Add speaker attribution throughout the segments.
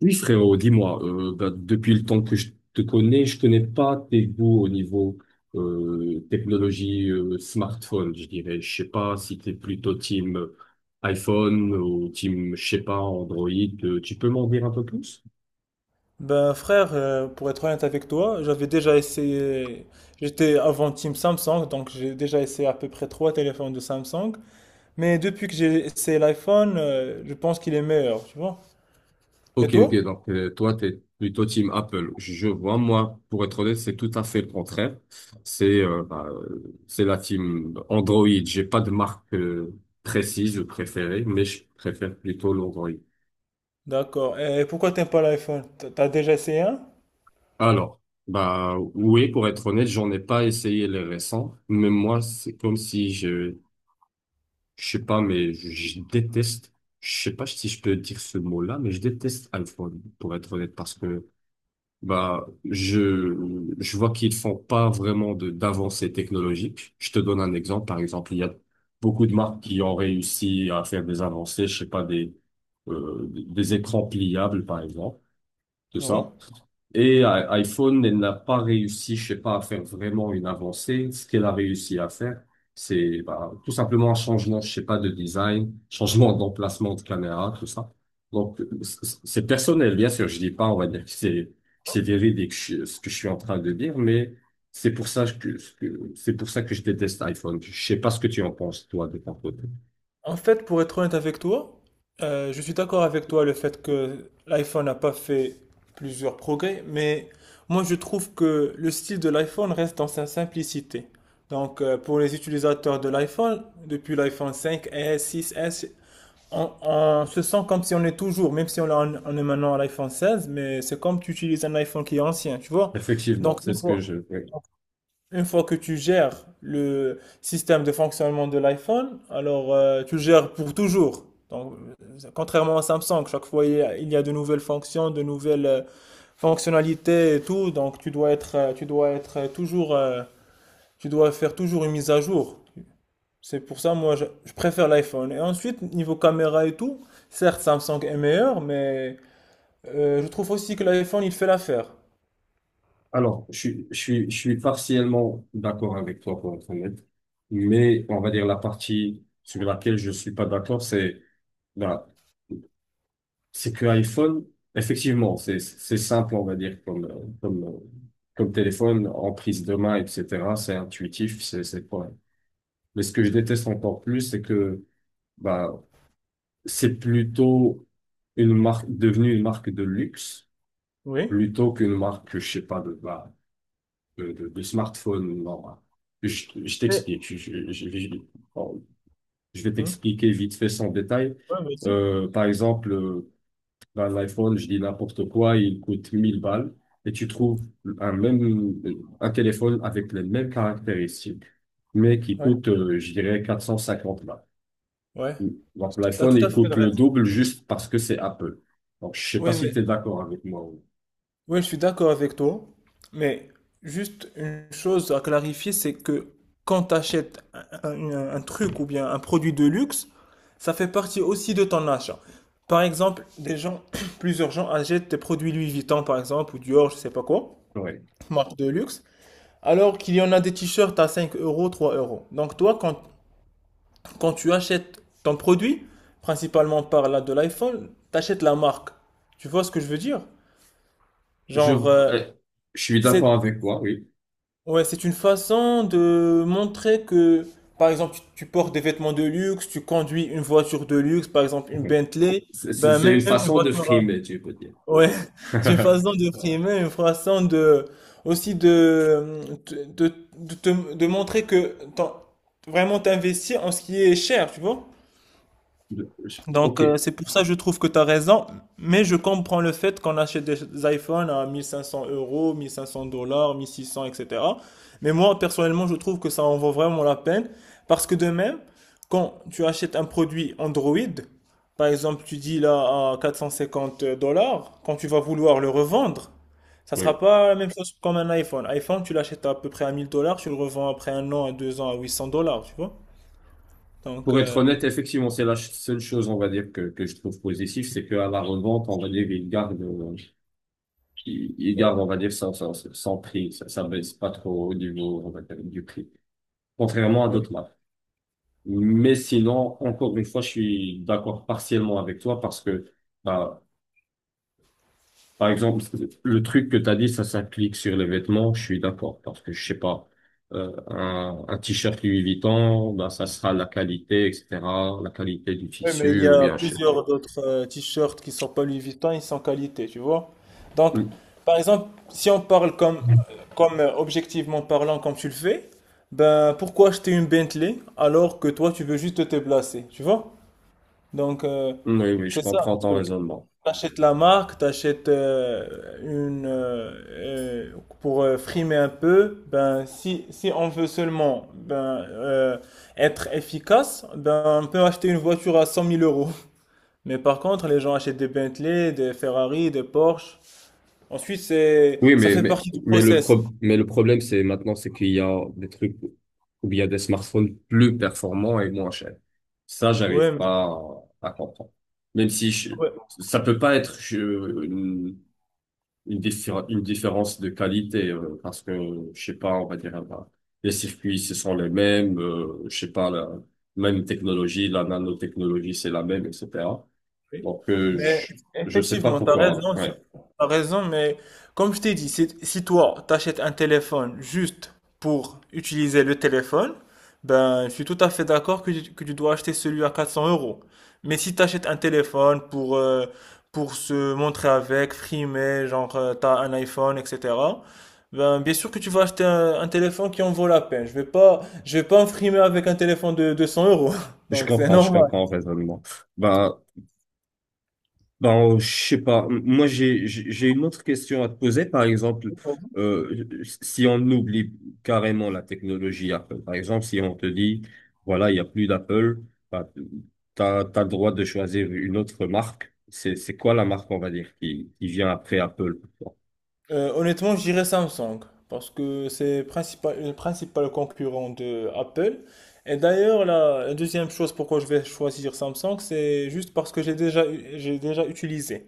Speaker 1: Oui, frérot, dis-moi, bah, depuis le temps que je te connais, je connais pas tes goûts au niveau technologie smartphone, je dirais. Je sais pas si t'es plutôt team iPhone ou team, je sais pas, Android. Tu peux m'en dire un peu plus?
Speaker 2: Ben frère, pour être honnête avec toi, j'avais déjà essayé, j'étais avant Team Samsung, donc j'ai déjà essayé à peu près trois téléphones de Samsung, mais depuis que j'ai essayé l'iPhone, je pense qu'il est meilleur, tu vois. Et
Speaker 1: Ok, ok,
Speaker 2: toi?
Speaker 1: donc toi, t'es plutôt team Apple. Je vois, moi, pour être honnête, c'est tout à fait le contraire. C'est c'est la team Android. J'ai pas de marque précise ou préférée, mais je préfère plutôt l'Android.
Speaker 2: D'accord. Et pourquoi t'aimes pas l'iPhone? T'as déjà essayé un?
Speaker 1: Alors, bah oui, pour être honnête, j'en ai pas essayé les récents, mais moi, c'est comme si je sais pas, mais je déteste, je sais pas si je peux dire ce mot-là, mais je déteste iPhone, pour être honnête, parce que bah je vois qu'ils font pas vraiment de d'avancées technologiques. Je te donne un exemple, par exemple, il y a beaucoup de marques qui ont réussi à faire des avancées, je sais pas, des écrans pliables, par exemple de
Speaker 2: Oui.
Speaker 1: ça. Et iPhone, elle n'a pas réussi, je sais pas, à faire vraiment une avancée. Ce qu'elle a réussi à faire, c'est bah, tout simplement un changement, je sais pas, de design, changement d'emplacement de caméra, tout ça. Donc, c'est personnel, bien sûr. Je dis pas, on va dire que c'est véridique, ce que je suis en train de dire, mais c'est pour ça c'est pour ça que je déteste iPhone. Je sais pas ce que tu en penses, toi, de ton côté.
Speaker 2: En fait, pour être honnête avec toi, je suis d'accord avec toi le fait que l'iPhone n'a pas fait plusieurs progrès, mais moi je trouve que le style de l'iPhone reste dans sa simplicité. Donc pour les utilisateurs de l'iPhone, depuis l'iPhone 5, s six, on se sent comme si on est toujours, même si on est maintenant à l'iPhone 16. Mais c'est comme tu utilises un iPhone qui est ancien, tu vois.
Speaker 1: Effectivement,
Speaker 2: Donc
Speaker 1: c'est
Speaker 2: une
Speaker 1: ce que
Speaker 2: fois,
Speaker 1: je.
Speaker 2: une fois que tu gères le système de fonctionnement de l'iPhone, alors tu le gères pour toujours. Donc, contrairement à Samsung, chaque fois il y a de nouvelles fonctions, de nouvelles fonctionnalités et tout, donc tu dois être toujours, tu dois faire toujours une mise à jour. C'est pour ça, moi, je préfère l'iPhone. Et ensuite, niveau caméra et tout, certes, Samsung est meilleur, mais je trouve aussi que l'iPhone, il fait l'affaire.
Speaker 1: Alors, je suis partiellement d'accord avec toi pour être honnête, mais on va dire la partie sur laquelle je suis pas d'accord, c'est voilà, c'est que iPhone, effectivement, c'est simple, on va dire, comme téléphone en prise de main, etc. C'est intuitif, c'est pas. Mais ce que je déteste encore plus, c'est que bah c'est plutôt une marque devenue une marque de luxe
Speaker 2: Oui.
Speaker 1: plutôt qu'une marque, je sais pas, de bas, de smartphone. Non. Je
Speaker 2: Mais-
Speaker 1: t'explique. Je vais Bon, je vais
Speaker 2: Hein.
Speaker 1: t'expliquer vite fait sans détail.
Speaker 2: Ouais, vas-y.
Speaker 1: Par exemple, dans l'iPhone, je dis n'importe quoi, il coûte 1000 balles et tu trouves un même un téléphone avec les mêmes caractéristiques, mais qui
Speaker 2: Ouais.
Speaker 1: coûte, je dirais, 450 balles.
Speaker 2: Ouais,
Speaker 1: Donc
Speaker 2: t'as
Speaker 1: l'iPhone,
Speaker 2: tout à
Speaker 1: il
Speaker 2: fait
Speaker 1: coûte
Speaker 2: le
Speaker 1: le
Speaker 2: reste.
Speaker 1: double juste parce que c'est Apple. Donc je sais pas
Speaker 2: Oui,
Speaker 1: si
Speaker 2: mais
Speaker 1: tu es d'accord avec moi,
Speaker 2: oui, je suis d'accord avec toi. Mais juste une chose à clarifier, c'est que quand tu achètes un truc ou bien un produit de luxe, ça fait partie aussi de ton achat. Par exemple, des gens, plusieurs gens achètent des produits Louis Vuitton, par exemple, ou Dior, je sais pas quoi,
Speaker 1: Ouais.
Speaker 2: marque de luxe, alors qu'il y en a des t-shirts à 5 euros, 3 euros. Donc toi, quand tu achètes ton produit, principalement par là de l'iPhone, tu achètes la marque. Tu vois ce que je veux dire?
Speaker 1: Je,
Speaker 2: Genre,
Speaker 1: euh, je suis
Speaker 2: c'est,
Speaker 1: d'accord avec toi, oui.
Speaker 2: ouais, c'est une façon de montrer que, par exemple, tu portes des vêtements de luxe, tu conduis une voiture de luxe, par exemple une Bentley,
Speaker 1: C'est c'est-
Speaker 2: ben
Speaker 1: c'est une
Speaker 2: même une
Speaker 1: façon de
Speaker 2: voiture.
Speaker 1: frimer, tu peux dire.
Speaker 2: Ouais, c'est une façon de primer, une façon de, aussi de, de montrer que vraiment t'investis en ce qui est cher, tu vois?
Speaker 1: Ok,
Speaker 2: Donc, c'est pour ça je trouve que tu as raison, mais je comprends le fait qu'on achète des iPhones à 1500 euros, 1500 dollars, 1600, etc. Mais moi, personnellement, je trouve que ça en vaut vraiment la peine parce que de même, quand tu achètes un produit Android, par exemple, tu dis là à 450 dollars, quand tu vas vouloir le revendre, ça
Speaker 1: oui.
Speaker 2: sera pas la même chose comme un iPhone. iPhone, tu l'achètes à peu près à 1000 dollars, tu le revends après un an, à 2 ans à 800 dollars, tu vois. Donc,
Speaker 1: Pour être honnête, effectivement, c'est la seule chose, on va dire, que je trouve positive, c'est qu'à la revente, on va dire, il garde, il garde, on va dire, son prix. Ça baisse pas trop au niveau, on va dire, du prix. Contrairement à
Speaker 2: ouais.
Speaker 1: d'autres marques. Mais sinon, encore une fois, je suis d'accord partiellement avec toi parce que, bah, par exemple, le truc que tu as dit, ça s'applique sur les vêtements, je suis d'accord, parce que je sais pas, un t-shirt Louis Vuitton, ben, ça sera la qualité, etc., la qualité du
Speaker 2: Oui, mais il y
Speaker 1: tissu, ou
Speaker 2: a
Speaker 1: bien, je sais pas.
Speaker 2: plusieurs d'autres t-shirts qui sont pas Louis Vuitton, ils sont qualité, tu vois. Donc,
Speaker 1: Mm.
Speaker 2: par exemple, si on parle comme, comme objectivement parlant, comme tu le fais, ben pourquoi acheter une Bentley alors que toi tu veux juste te placer, tu vois? Donc,
Speaker 1: Oui, oui, je
Speaker 2: c'est ça
Speaker 1: comprends
Speaker 2: le
Speaker 1: ton
Speaker 2: truc.
Speaker 1: raisonnement.
Speaker 2: T'achètes la marque, t'achètes une euh, pour frimer un peu. Ben si on veut seulement ben être efficace, ben on peut acheter une voiture à cent mille euros. Mais par contre, les gens achètent des Bentley, des Ferrari, des Porsche. Ensuite, c'est,
Speaker 1: Oui,
Speaker 2: ça
Speaker 1: mais,
Speaker 2: fait
Speaker 1: mais,
Speaker 2: partie du
Speaker 1: mais le
Speaker 2: process.
Speaker 1: pro, mais le problème, c'est maintenant, c'est qu'il y a des trucs, ou bien des smartphones plus performants et moins chers. Ça, j'arrive
Speaker 2: Ouais.
Speaker 1: pas à comprendre. Même si je, ça peut pas être, je, une différence de qualité, parce que je sais pas, on va dire, bah les circuits ce sont les mêmes, je sais pas, la même technologie, la nanotechnologie c'est la même, etc.
Speaker 2: Oui.
Speaker 1: Donc,
Speaker 2: Mais
Speaker 1: je sais pas
Speaker 2: effectivement,
Speaker 1: pourquoi.
Speaker 2: tu
Speaker 1: Ouais,
Speaker 2: as raison, mais comme je t'ai dit, si toi, t'achètes un téléphone juste pour utiliser le téléphone, ben, je suis tout à fait d'accord que, que tu dois acheter celui à 400 euros. Mais si tu achètes un téléphone pour se montrer avec, frimer, genre, t'as un iPhone, etc., ben, bien sûr que tu vas acheter un téléphone qui en vaut la peine. Je vais pas me frimer avec un téléphone de 200 euros.
Speaker 1: je
Speaker 2: Donc, c'est
Speaker 1: comprends je
Speaker 2: normal.
Speaker 1: comprends le raisonnement. Ben Ben, je sais pas. Moi, j'ai une autre question à te poser. Par exemple, euh, si on oublie carrément la technologie Apple, par exemple, si on te dit, voilà, il n'y a plus d'Apple, bah, t'as le droit de choisir une autre marque. C'est quoi la marque, on va dire, qui vient après Apple pour toi?
Speaker 2: Honnêtement, je dirais Samsung, parce que c'est principal, le principal concurrent de Apple. Et d'ailleurs, la deuxième chose pourquoi je vais choisir Samsung, c'est juste parce que j'ai déjà, j'ai déjà utilisé.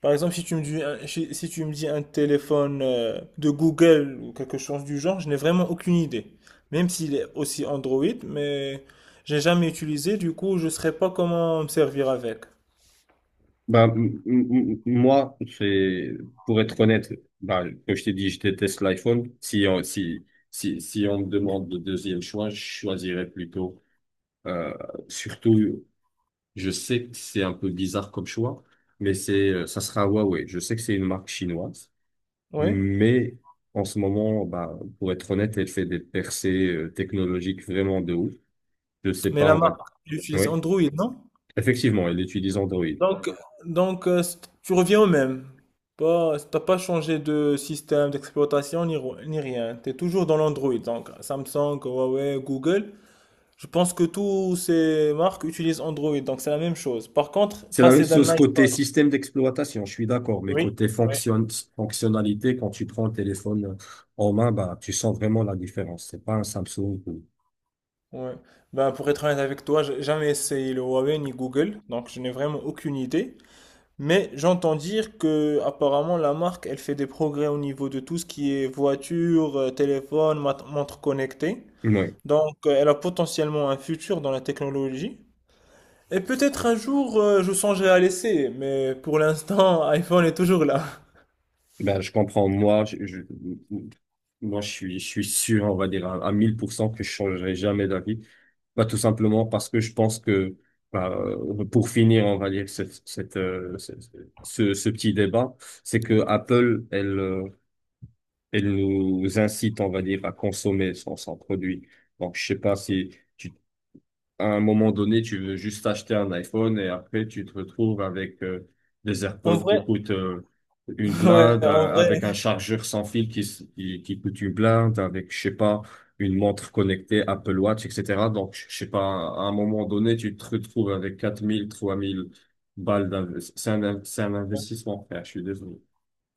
Speaker 2: Par exemple, si tu me dis un, si, si tu me dis un téléphone de Google ou quelque chose du genre, je n'ai vraiment aucune idée. Même s'il est aussi Android, mais j'ai jamais utilisé, du coup, je ne saurais pas comment me servir avec.
Speaker 1: Ben, moi, c'est, pour être honnête, bah comme je t'ai dit, je déteste l'iPhone. Si on me demande le deuxième choix, je choisirais plutôt, euh, surtout. Je sais que c'est un peu bizarre comme choix, mais c'est, ça sera Huawei. Je sais que c'est une marque chinoise,
Speaker 2: Oui,
Speaker 1: mais en ce moment, bah, pour être honnête, elle fait des percées technologiques vraiment de ouf. Je sais
Speaker 2: mais
Speaker 1: pas,
Speaker 2: la
Speaker 1: on va.
Speaker 2: marque, elle utilise
Speaker 1: Oui,
Speaker 2: Android, non?
Speaker 1: effectivement, elle utilise Android.
Speaker 2: Donc, donc euh, c- tu reviens au même. Pas, T'as pas changé de système d'exploitation ni rien. Tu es toujours dans l'Android. Donc, Samsung, Huawei, Google. Je pense que toutes ces marques utilisent Android. Donc, c'est la même chose. Par contre,
Speaker 1: C'est la même
Speaker 2: passer d'un
Speaker 1: chose côté
Speaker 2: iPhone.
Speaker 1: système d'exploitation, je suis d'accord, mais
Speaker 2: Oui,
Speaker 1: côté
Speaker 2: oui.
Speaker 1: fonctionnalité, quand tu prends le téléphone en main, bah, tu sens vraiment la différence. C'est pas un Samsung,
Speaker 2: Ouais. Ben, pour être honnête avec toi, j'ai jamais essayé le Huawei ni Google. Donc, je n'ai vraiment aucune idée. Mais j'entends dire que apparemment la marque elle fait des progrès au niveau de tout ce qui est voiture, téléphone, montre connectée.
Speaker 1: Ouais.
Speaker 2: Donc, elle a potentiellement un futur dans la technologie. Et peut-être un jour, je songerai à l'essayer, mais pour l'instant, iPhone est toujours là.
Speaker 1: Ben, je comprends. Moi, je suis sûr, on va dire, à 1000% que je changerai jamais d'avis. Bah, tout simplement parce que je pense que, bah, pour finir, on va dire, cette, cette, ce, ce ce petit débat, c'est que Apple, elle, et nous incite, on va dire, à consommer son produit. Donc, je sais pas si tu, à un moment donné, tu veux juste acheter un iPhone et après, tu te retrouves avec des
Speaker 2: En
Speaker 1: AirPods
Speaker 2: vrai,
Speaker 1: qui coûtent une
Speaker 2: ouais,
Speaker 1: blinde,
Speaker 2: en vrai,
Speaker 1: avec un chargeur sans fil qui coûte une blinde, avec, je sais pas, une montre connectée, Apple Watch, etc. Donc, je sais pas, à un moment donné, tu te retrouves avec 4 000, 3 000 balles d'investissement. C'est un investissement, frère, je suis désolé.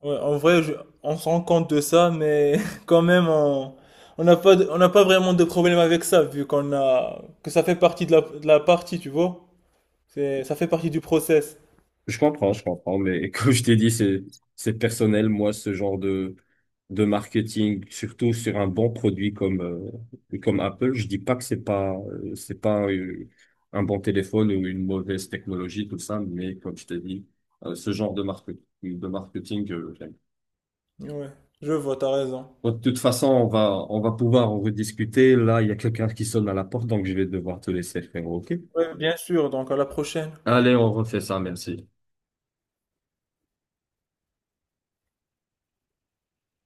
Speaker 2: ouais, en vrai, on se rend compte de ça, mais quand même, on n'a pas, on n'a pas vraiment de problème avec ça, vu qu'on a, que ça fait partie de la partie, tu vois. Ça fait partie du process.
Speaker 1: Je comprends, mais comme je t'ai dit, c'est personnel, moi, ce genre de marketing, surtout sur un bon produit comme Apple, je dis pas que c'est pas un bon téléphone ou une mauvaise technologie, tout ça, mais comme je t'ai dit, ce genre de marketing, j'aime.
Speaker 2: Ouais, je vois, t'as raison.
Speaker 1: Bon, de toute façon, on va pouvoir en rediscuter. Là, il y a quelqu'un qui sonne à la porte, donc je vais devoir te laisser, frérot, ok?
Speaker 2: Ouais, bien sûr, donc à la prochaine.
Speaker 1: Allez, on refait ça, merci.